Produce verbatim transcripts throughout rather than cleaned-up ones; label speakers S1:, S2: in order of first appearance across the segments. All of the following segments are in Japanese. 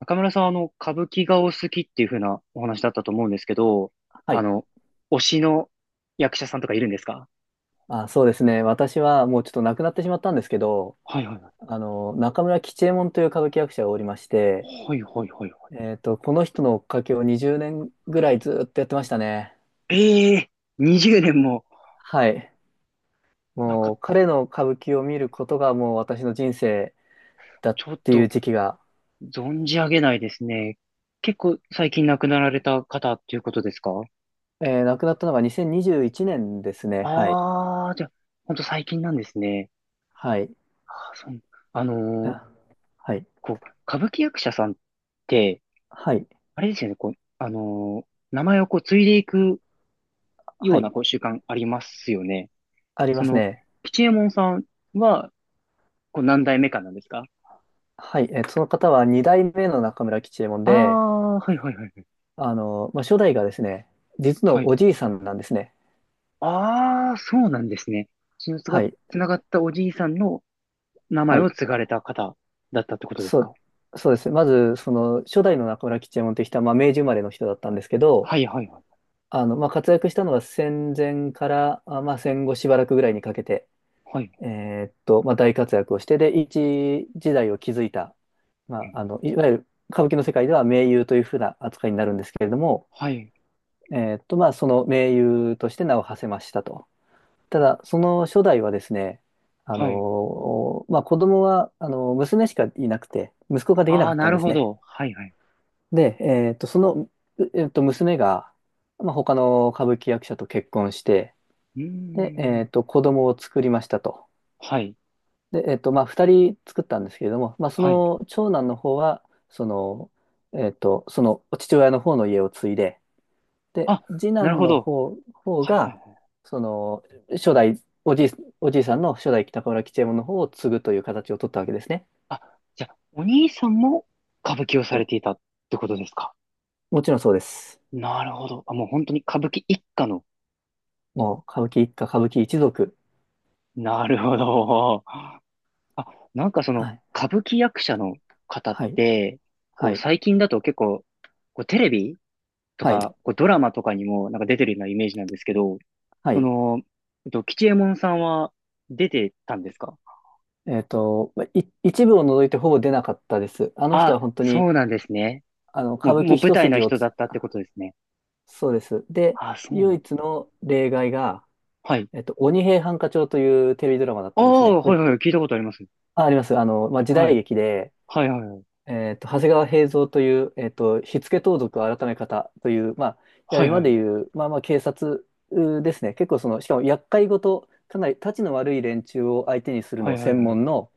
S1: 中村さん、あの、歌舞伎がお好きっていう風なお話だったと思うんですけど、
S2: は
S1: あ
S2: い。
S1: の、推しの役者さんとかいるんですか？
S2: あ、そうですね。私はもうちょっと亡くなってしまったんですけど、
S1: はいはいは
S2: あの、中村吉右衛門という歌舞伎役者がおりまして、
S1: い。はいはいはいは
S2: えっと、この人の追っかけをにじゅうねんぐらいずっとやってましたね。
S1: い。ええー、にじゅうねんも、
S2: はい。
S1: なん
S2: も
S1: か、
S2: う彼の歌舞伎を見ることがもう私の人生だっ
S1: ちょっ
S2: てい
S1: と、
S2: う時期が、
S1: 存じ上げないですね。結構最近亡くなられた方っていうことですか？
S2: えー亡くなったのがにせんにじゅういちねんですね。はい。
S1: ああー、じゃあ、ほんと最近なんですね。
S2: はい。
S1: あー、そう。あのー
S2: あ、はい。
S1: こう、歌舞伎役者さんって、
S2: はい。
S1: あれですよね、こう、あのー名前をこう、継いでいくよ
S2: は
S1: う
S2: い。
S1: なこう習慣ありますよね。
S2: あり
S1: そ
S2: ます
S1: の、
S2: ね。
S1: 吉右衛門さんは、こう何代目かなんですか？
S2: はい。えーその方は二代目の中村吉右衛門
S1: あ
S2: で、
S1: あー、はいはいはいはい。
S2: あの、まあ、初代がですね、実
S1: は
S2: の
S1: い。
S2: おじいさんなんですね。
S1: ああ、そうなんですね。血のつが、
S2: はい。
S1: つながったおじいさんの名
S2: は
S1: 前を
S2: い。
S1: 継がれた方だったってことです
S2: そ
S1: か？
S2: う、そうです。まず、その、初代の中村吉右衛門という人は、まあ、明治生まれの人だったんですけど、
S1: はいはいはい。
S2: あの、まあ、活躍したのは戦前から、あまあ、戦後しばらくぐらいにかけて、
S1: はい。
S2: えーっと、まあ、大活躍をして、で、一時代を築いた、
S1: う
S2: まあ、あ
S1: ん
S2: の、いわゆる歌舞伎の世界では名優というふうな扱いになるんですけれども、
S1: はい。
S2: えーっと、まあ、その名優として名を馳せましたと。
S1: は
S2: た
S1: い。
S2: だ、その初代はですね、あ
S1: はい。
S2: のーまあ、子供は、あのー娘しかいなくて、息子ができな
S1: あ
S2: か
S1: あ、
S2: った
S1: な
S2: んで
S1: る
S2: す
S1: ほ
S2: ね。
S1: ど。はいはい。
S2: で、えーっと、その、うえーっと、娘が、まあ、他の歌舞伎役者と結婚して、
S1: う
S2: で、え
S1: ー
S2: ー
S1: ん。
S2: っと、子供を作りましたと。
S1: はい。
S2: で、えーっと、まあ、二人作ったんですけれども、まあ、そ
S1: はい。
S2: の長男の方は、その、えーっと、その父親の方の家を継いで、で、
S1: あ、
S2: 次
S1: なる
S2: 男
S1: ほ
S2: の
S1: ど。
S2: 方、方
S1: はいはい
S2: が、
S1: はい。
S2: その、初代、おじい、おじいさんの初代北河原吉右衛門の方を継ぐという形を取ったわけですね。
S1: あ、じゃあ、お兄さんも歌舞伎をさ
S2: は
S1: れ
S2: い。
S1: ていたってことですか？
S2: もちろんそうです。
S1: なるほど。あ、もう本当に歌舞伎一家の。
S2: もう、歌舞伎一家、歌舞伎一族。
S1: なるほど。あ、なんかそ
S2: は
S1: の、
S2: い。
S1: 歌舞伎役者の方っ
S2: はい。
S1: て、こ
S2: は
S1: う
S2: い。
S1: 最近だと結構、こうテレビと
S2: はい。
S1: か、こうドラマとかにもなんか出てるようなイメージなんですけど、
S2: は
S1: そ
S2: い。
S1: の、えっと、吉右衛門さんは出てたんですか？
S2: えっと、まい、一部を除いてほぼ出なかったです。あの人
S1: あ、
S2: は本当に、
S1: そうなんですね。
S2: あの、
S1: も
S2: 歌
S1: う、
S2: 舞
S1: も
S2: 伎
S1: う舞
S2: 一
S1: 台の
S2: 筋を
S1: 人だ
S2: つ、
S1: ったってことですね。
S2: そうです。で、
S1: あ、そうな
S2: 唯
S1: ん
S2: 一
S1: だ。
S2: の例外が、
S1: はい。
S2: えっと、鬼平犯科帳というテレビドラマだっ
S1: あ
S2: たんですね。
S1: あ、
S2: こ
S1: はい
S2: れ
S1: はい、聞いたことあります。
S2: あ、あります。あの、まあ、時
S1: は
S2: 代
S1: い。
S2: 劇で、
S1: はいはいはい。
S2: えっと、長谷川平蔵という、えっと、火付盗賊改め方という、まあ、いわゆ
S1: は
S2: る
S1: いはい
S2: 今
S1: は
S2: で
S1: い。
S2: いう、まあまあ、警察うーですね。結構その、しかも厄介ごと、かなりたちの悪い連中を相手にする
S1: は
S2: のを
S1: いはい
S2: 専
S1: はい。
S2: 門の、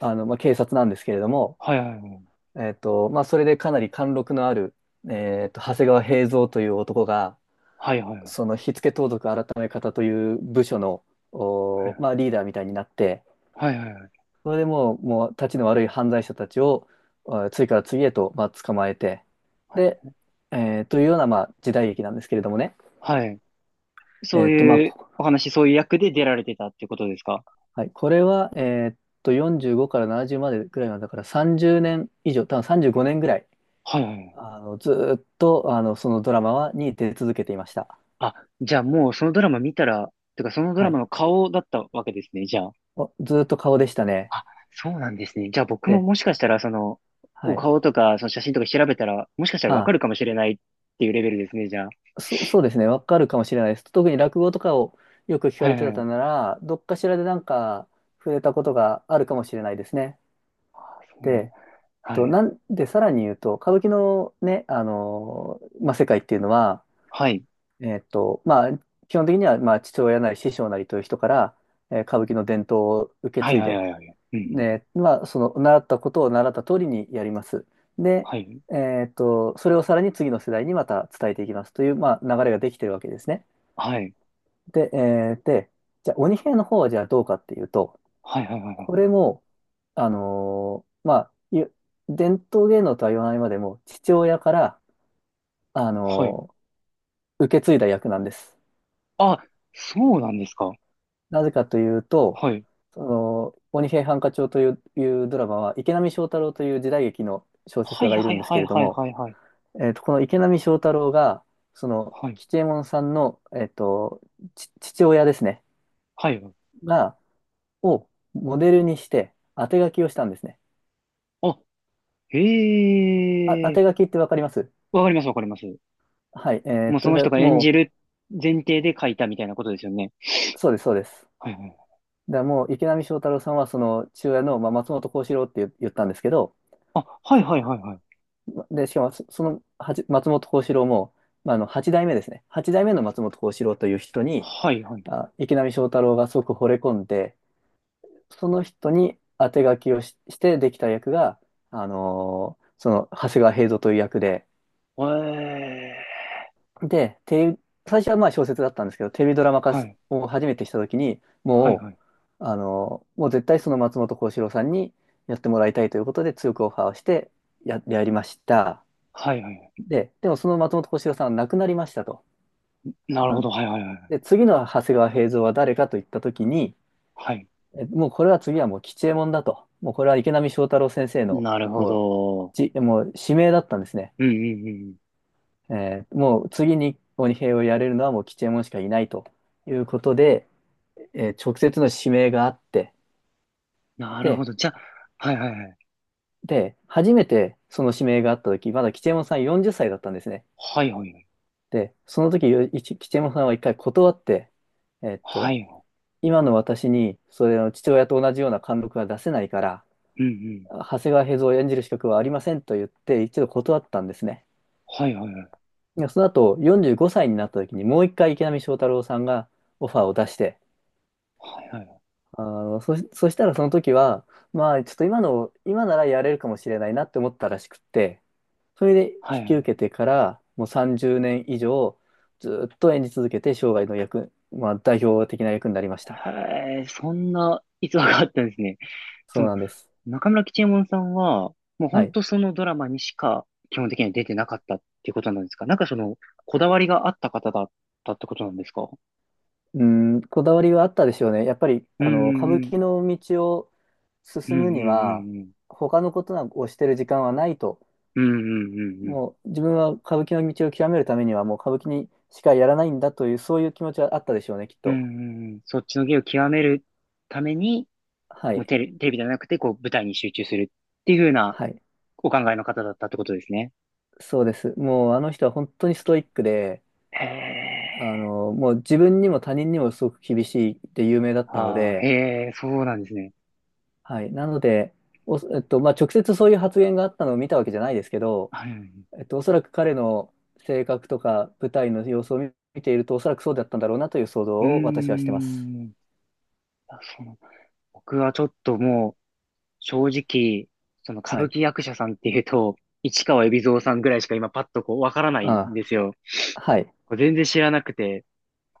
S2: あの、まあ、警察なんですけれども、
S1: はいはいはい。
S2: えっと、まあ、それでかなり貫禄のある、えっと、長谷川平蔵という男が、
S1: はいはいは
S2: その火付盗賊改め方という部署の、おーま
S1: い。
S2: あ、リーダーみたいになって、
S1: はいはいはい。
S2: それでもう、もう、たちの悪い犯罪者たちを、あ次から次へと、まあ、捕まえて、で、えーというような、まあ、時代劇なんですけれどもね。
S1: はい。そ
S2: えー
S1: う
S2: っと、まあ、
S1: いう
S2: こ、
S1: お話、そういう役で出られてたってことですか？
S2: はい、これは、えーっと、よんじゅうごからななじゅうまでぐらいなんだから、さんじゅうねん以上、多分さんじゅうごねんぐらい、
S1: はいはいはい。
S2: あの、ずーっと、あの、そのドラマは、に出続けていました。
S1: あ、じゃあもうそのドラマ見たら、てかそのド
S2: は
S1: ラマ
S2: い。
S1: の顔だったわけですね、じゃあ。
S2: おずーっと顔でしたね。
S1: あ、そうなんですね。じゃあ僕も
S2: で、
S1: もしかしたら、その、
S2: は
S1: お
S2: い。
S1: 顔とか、その写真とか調べたら、もしかしたらわか
S2: あ
S1: るかもしれないっていうレベルですね、じゃあ。
S2: そ、そうですね、わかるかもしれないです。特に落語とかをよく聞か
S1: はい
S2: れ
S1: はい
S2: て
S1: は
S2: た
S1: い。
S2: なら、どっかしらでなんか触れたことがあるかもしれないですね。
S1: あ、そうなんだ。
S2: で、
S1: は
S2: と、
S1: い。
S2: なんで、さらに言うと、歌舞伎のね、あのまあ、世界っていうのは、
S1: はい。
S2: えっと、まあ、基本的には、まあ、父親なり師匠なりという人から、えー歌舞伎の伝統を受け
S1: はい
S2: 継い
S1: はい
S2: で、
S1: はいはい。うんうん。
S2: ね、まあ、その、習ったことを習った通りにやります。で、
S1: はい。
S2: えっと、それをさらに次の世代にまた伝えていきますという、まあ、流れができてるわけですね。
S1: はい。
S2: で、えーで、じゃあ、鬼平の方はじゃあどうかっていうと、
S1: はいはいはいは
S2: これ
S1: い。
S2: も、あのーまあ、ゆ伝統芸能とは言わないまでも、父親から、あ
S1: はい。
S2: のー受け継いだ役なんです。
S1: あ、そうなんですか。
S2: なぜかというと、
S1: はい。
S2: その、鬼平犯科帳という、いうドラマは、池波正太郎という時代劇の小説
S1: は
S2: 家
S1: い
S2: がい
S1: は
S2: る
S1: い
S2: んです
S1: は
S2: け
S1: い
S2: れど
S1: はい
S2: も、
S1: はいはい。
S2: えーと、この池波正太郎が、その、
S1: はい。
S2: 吉右衛門さんの、えーと、ち父親ですね、
S1: はい。
S2: が、をモデルにして、当て書きをしたんですね。
S1: あ、
S2: あ、当
S1: へえ。
S2: て書きってわかります
S1: わかります、わかります。
S2: はい。えー
S1: も
S2: っ
S1: うそ
S2: と、
S1: の
S2: じゃあ
S1: 人が演じ
S2: も
S1: る前提で書いたみたいなことですよね。
S2: う、そうです、そうです。
S1: はいはい。
S2: で、もう池波正太郎さんは、その父親の、まあ、松本幸四郎って言言ったんですけど、
S1: あ、はいはいはいはい。
S2: で、しかもそ、そのはち松本幸四郎も、まあ、あのはち代目ですね。はち代目の松本幸四郎という人に、
S1: はいはい。
S2: あ、池波正太郎がすごく惚れ込んで、その人に当て書きをし、してできた役が、あのーその長谷川平蔵という役で、
S1: ええ。
S2: で、テレビ、最初はまあ小説だったんですけど、テレビドラマ化
S1: は
S2: し
S1: い。
S2: を初めてしたときに、
S1: はい
S2: も
S1: はい。
S2: う、あの、もう絶対その松本幸四郎さんにやってもらいたいということで強くオファーをしてや、やりました。
S1: はいはい。
S2: で、でもその松本幸四郎さんは亡くなりましたと。
S1: なるほ
S2: あ
S1: ど。はいはいはい。
S2: で、次の長谷川平蔵は誰かといったときに、
S1: はい。
S2: えもうこれは次はもう吉右衛門だと。もうこれは池波正太郎先生の
S1: なるほ
S2: もう、
S1: ど。
S2: じ、もう指名だったんですね。
S1: うんうんうん。
S2: えーもう次に鬼平をやれるのはもう吉右衛門しかいないということで、えー直接の指名があって、
S1: なるほ
S2: で、
S1: ど。じゃあ、はいはいはい。
S2: で、初めてその指名があった時、まだ吉右衛門さんよんじゅっさいだったんですね。
S1: はいはいはい。
S2: で、その時、よいち吉右衛門さんは一回断って、えーっ
S1: は
S2: と、
S1: い。
S2: 今の私に、それの父親と同じような貫禄は出せないから、
S1: うんうん。
S2: 長谷川平蔵を演じる資格はありませんと言って、一度断ったんですね。
S1: はいはいはい。
S2: でその後、よんじゅうごさいになった時に、もう一回池波正太郎さんがオファーを出して、
S1: はいはいはい。
S2: あの、そ、そしたらその時は、まあ、ちょっと今の、今ならやれるかもしれないなって思ったらしくって、それで
S1: は
S2: 引
S1: い
S2: き
S1: は
S2: 受
S1: い。
S2: けてから、もうさんじゅうねん以上、ずっと演じ続けて、生涯の役、まあ、代表的な役になりました。
S1: へえ、そんな逸話があったんですね。そ
S2: そう
S1: の、
S2: なんです。
S1: 中村吉右衛門さんは、もう
S2: は
S1: 本
S2: い。
S1: 当そのドラマにしか基本的には出てなかったっていうことなんですか？なんかその、こ
S2: は
S1: だ
S2: い。
S1: わりがあった方だったってことなんですか？
S2: うん、こだわりはあったでしょうね。やっぱり、
S1: うん、
S2: あの、歌
S1: う
S2: 舞
S1: ん、
S2: 伎の道を
S1: う
S2: 進
S1: ん、うん、
S2: むには、
S1: うん、
S2: 他のことをしてる時間はないと。
S1: うん、うん、うん、うん、
S2: もう、自分は歌舞伎の道を極めるためには、もう歌舞伎にしかやらないんだという、そういう気持ちはあったでしょうね、きっ
S1: うん、う
S2: と。
S1: んうんそっちの芸を極めるために、
S2: は
S1: もう
S2: い。
S1: テレ、テレビじゃなくて、こう、舞台に集中するっていう風な
S2: はい。
S1: お考えの方だったってことですね。
S2: そうです。もう、あの人は本当にストイックで、
S1: へえ、
S2: あの、もう自分にも他人にもすごく厳しいって有名だったの
S1: ああ、
S2: で、
S1: へえ、そうなんですね。
S2: はい。なので、お、えっと、まあ、直接そういう発言があったのを見たわけじゃないですけど、
S1: はいう
S2: えっと、おそらく彼の性格とか舞台の様子を見見ていると、おそらくそうだったんだろうなという想像
S1: うー
S2: を私はしてます。
S1: ん。あそうなん僕はちょっともう、正直、その歌
S2: は
S1: 舞
S2: い。
S1: 伎役者さんっていうと、市川海老蔵さんぐらいしか今パッとこうわからないん
S2: あ
S1: ですよ。
S2: あ、はい。
S1: こう全然知らなくて、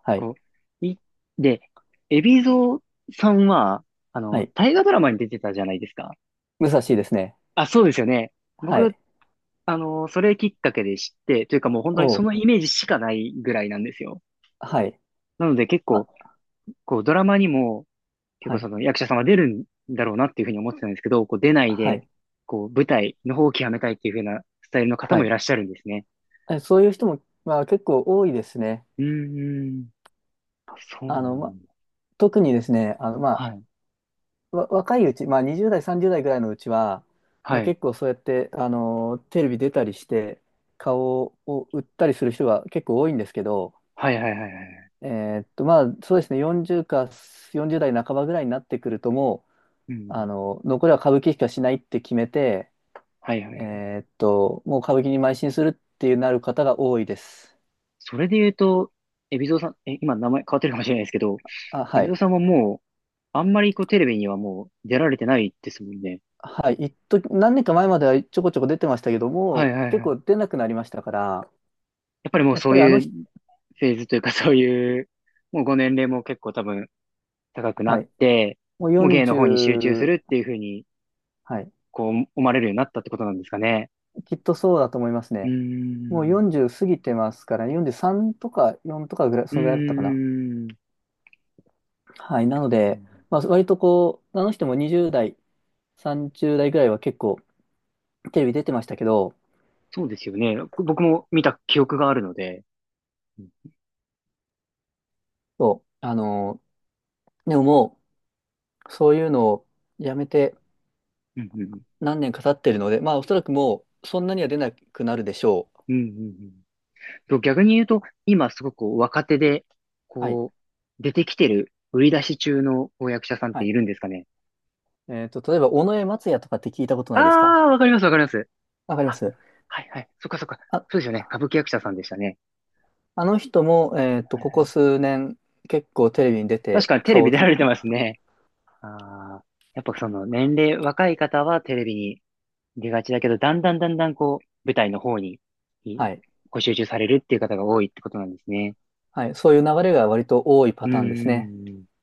S2: はい。
S1: こう、い、で、海老蔵さんは、あ
S2: は
S1: の、
S2: い。
S1: 大河ドラマに出てたじゃないですか。
S2: 武蔵ですね。
S1: あ、そうですよね。
S2: は
S1: 僕、
S2: い。
S1: あの、それきっかけで知って、というかもう本当にそ
S2: お
S1: の
S2: う。
S1: イメージしかないぐらいなんですよ。
S2: はい。
S1: なので結構、
S2: あ、
S1: こう、ドラマにも、結
S2: は
S1: 構
S2: い。
S1: その役者さんは出るんだろうなっていうふうに思ってたんですけど、こう出ない
S2: は
S1: で、
S2: い。
S1: こう舞台の方を極めたいっていうふうなスタイルの方
S2: は
S1: もい
S2: い。
S1: らっしゃるんですね。
S2: えそういう人も、まあ、結構多いですね。
S1: うーん。あ、そう
S2: あの、
S1: な
S2: ま、
S1: んだ。
S2: 特にですね、あの、ま
S1: は
S2: あ、
S1: い。
S2: わ、若いうち、まあにじゅう代、さんじゅう代ぐらいのうちは、まあ、
S1: はい。
S2: 結構そうやって、あのーテレビ出たりして、顔を売ったりする人が結構多いんですけど、
S1: はいはいはいはいはいはい
S2: えーっと、まあそうですね、40かよんじゅう代半ばぐらいになってくると、もう、
S1: う
S2: あ
S1: ん。
S2: の残りは歌舞伎しかしないって決めて、
S1: はいはいはい。
S2: えーっと、もう歌舞伎に邁進するっていうなる方が多いです。
S1: それで言うと、海老蔵さん、え、今名前変わってるかもしれないですけど、
S2: あ、は
S1: 海老蔵
S2: い。
S1: さんはもう、あんまりこうテレビにはもう出られてないですもんね。
S2: はい。一時、何年か前まではちょこちょこ出てましたけど
S1: はい
S2: も、
S1: はい
S2: 結
S1: はい。
S2: 構出なくなりましたから、
S1: やっぱりもう
S2: やっ
S1: そ
S2: ぱ
S1: う
S2: りあ
S1: い
S2: の
S1: う
S2: 人、
S1: フェーズというかそういう、もうご年齢も結構多分高くな
S2: は
S1: っ
S2: い。
S1: て、
S2: もう
S1: もう芸の方に集中す
S2: よんじゅう、
S1: るっていうふうに、
S2: はい。
S1: こう思われるようになったってことなんですかね。
S2: きっとそうだと思います
S1: うー
S2: ね。もう
S1: ん。
S2: よんじゅう過ぎてますから、よんじゅうさんとかよんとかぐらい、
S1: う
S2: そのぐらいだったかな。
S1: ーん。
S2: はい。なので、まあ、割とこう、あの人もにじゅう代、さんじゅう代ぐらいは結構テレビ出てましたけど、
S1: そうですよね。僕も見た記憶があるので。うん
S2: そう、あのーでももう、そういうのをやめて
S1: うんうん。
S2: 何年か経ってるので、まあ、おそらくもう、そんなには出なくなるでしょう。
S1: うんうんうんと、逆に言うと、今すごく若手で、
S2: はい。
S1: こう、出てきてる、売り出し中のこう役者さんっ
S2: は
S1: て
S2: い。
S1: いるんですかね。
S2: えっと、例えば、尾上松也とかって聞いたこと
S1: あ
S2: ないですか？
S1: あ、わかりますわかります。
S2: わかりま
S1: あ、
S2: す。
S1: はいはい。そっかそっか。そ
S2: あ
S1: うですよね。歌舞伎役者さんでしたね。
S2: あの人も、えっと、
S1: はい
S2: こ
S1: は
S2: こ
S1: い。
S2: 数年、結構テレビに出
S1: 確
S2: て、
S1: かにテレ
S2: 顔
S1: ビ
S2: を
S1: 出
S2: つ、
S1: られてますね。ああ、やっぱその年齢、若い方はテレビに出がちだけど、だんだんだんだんこう、舞台の方に、い
S2: はい、
S1: ご集中されるっていう方が多いってことなんですね。
S2: はい、そういう流れが割と多い
S1: う
S2: パターンですね。
S1: ーん。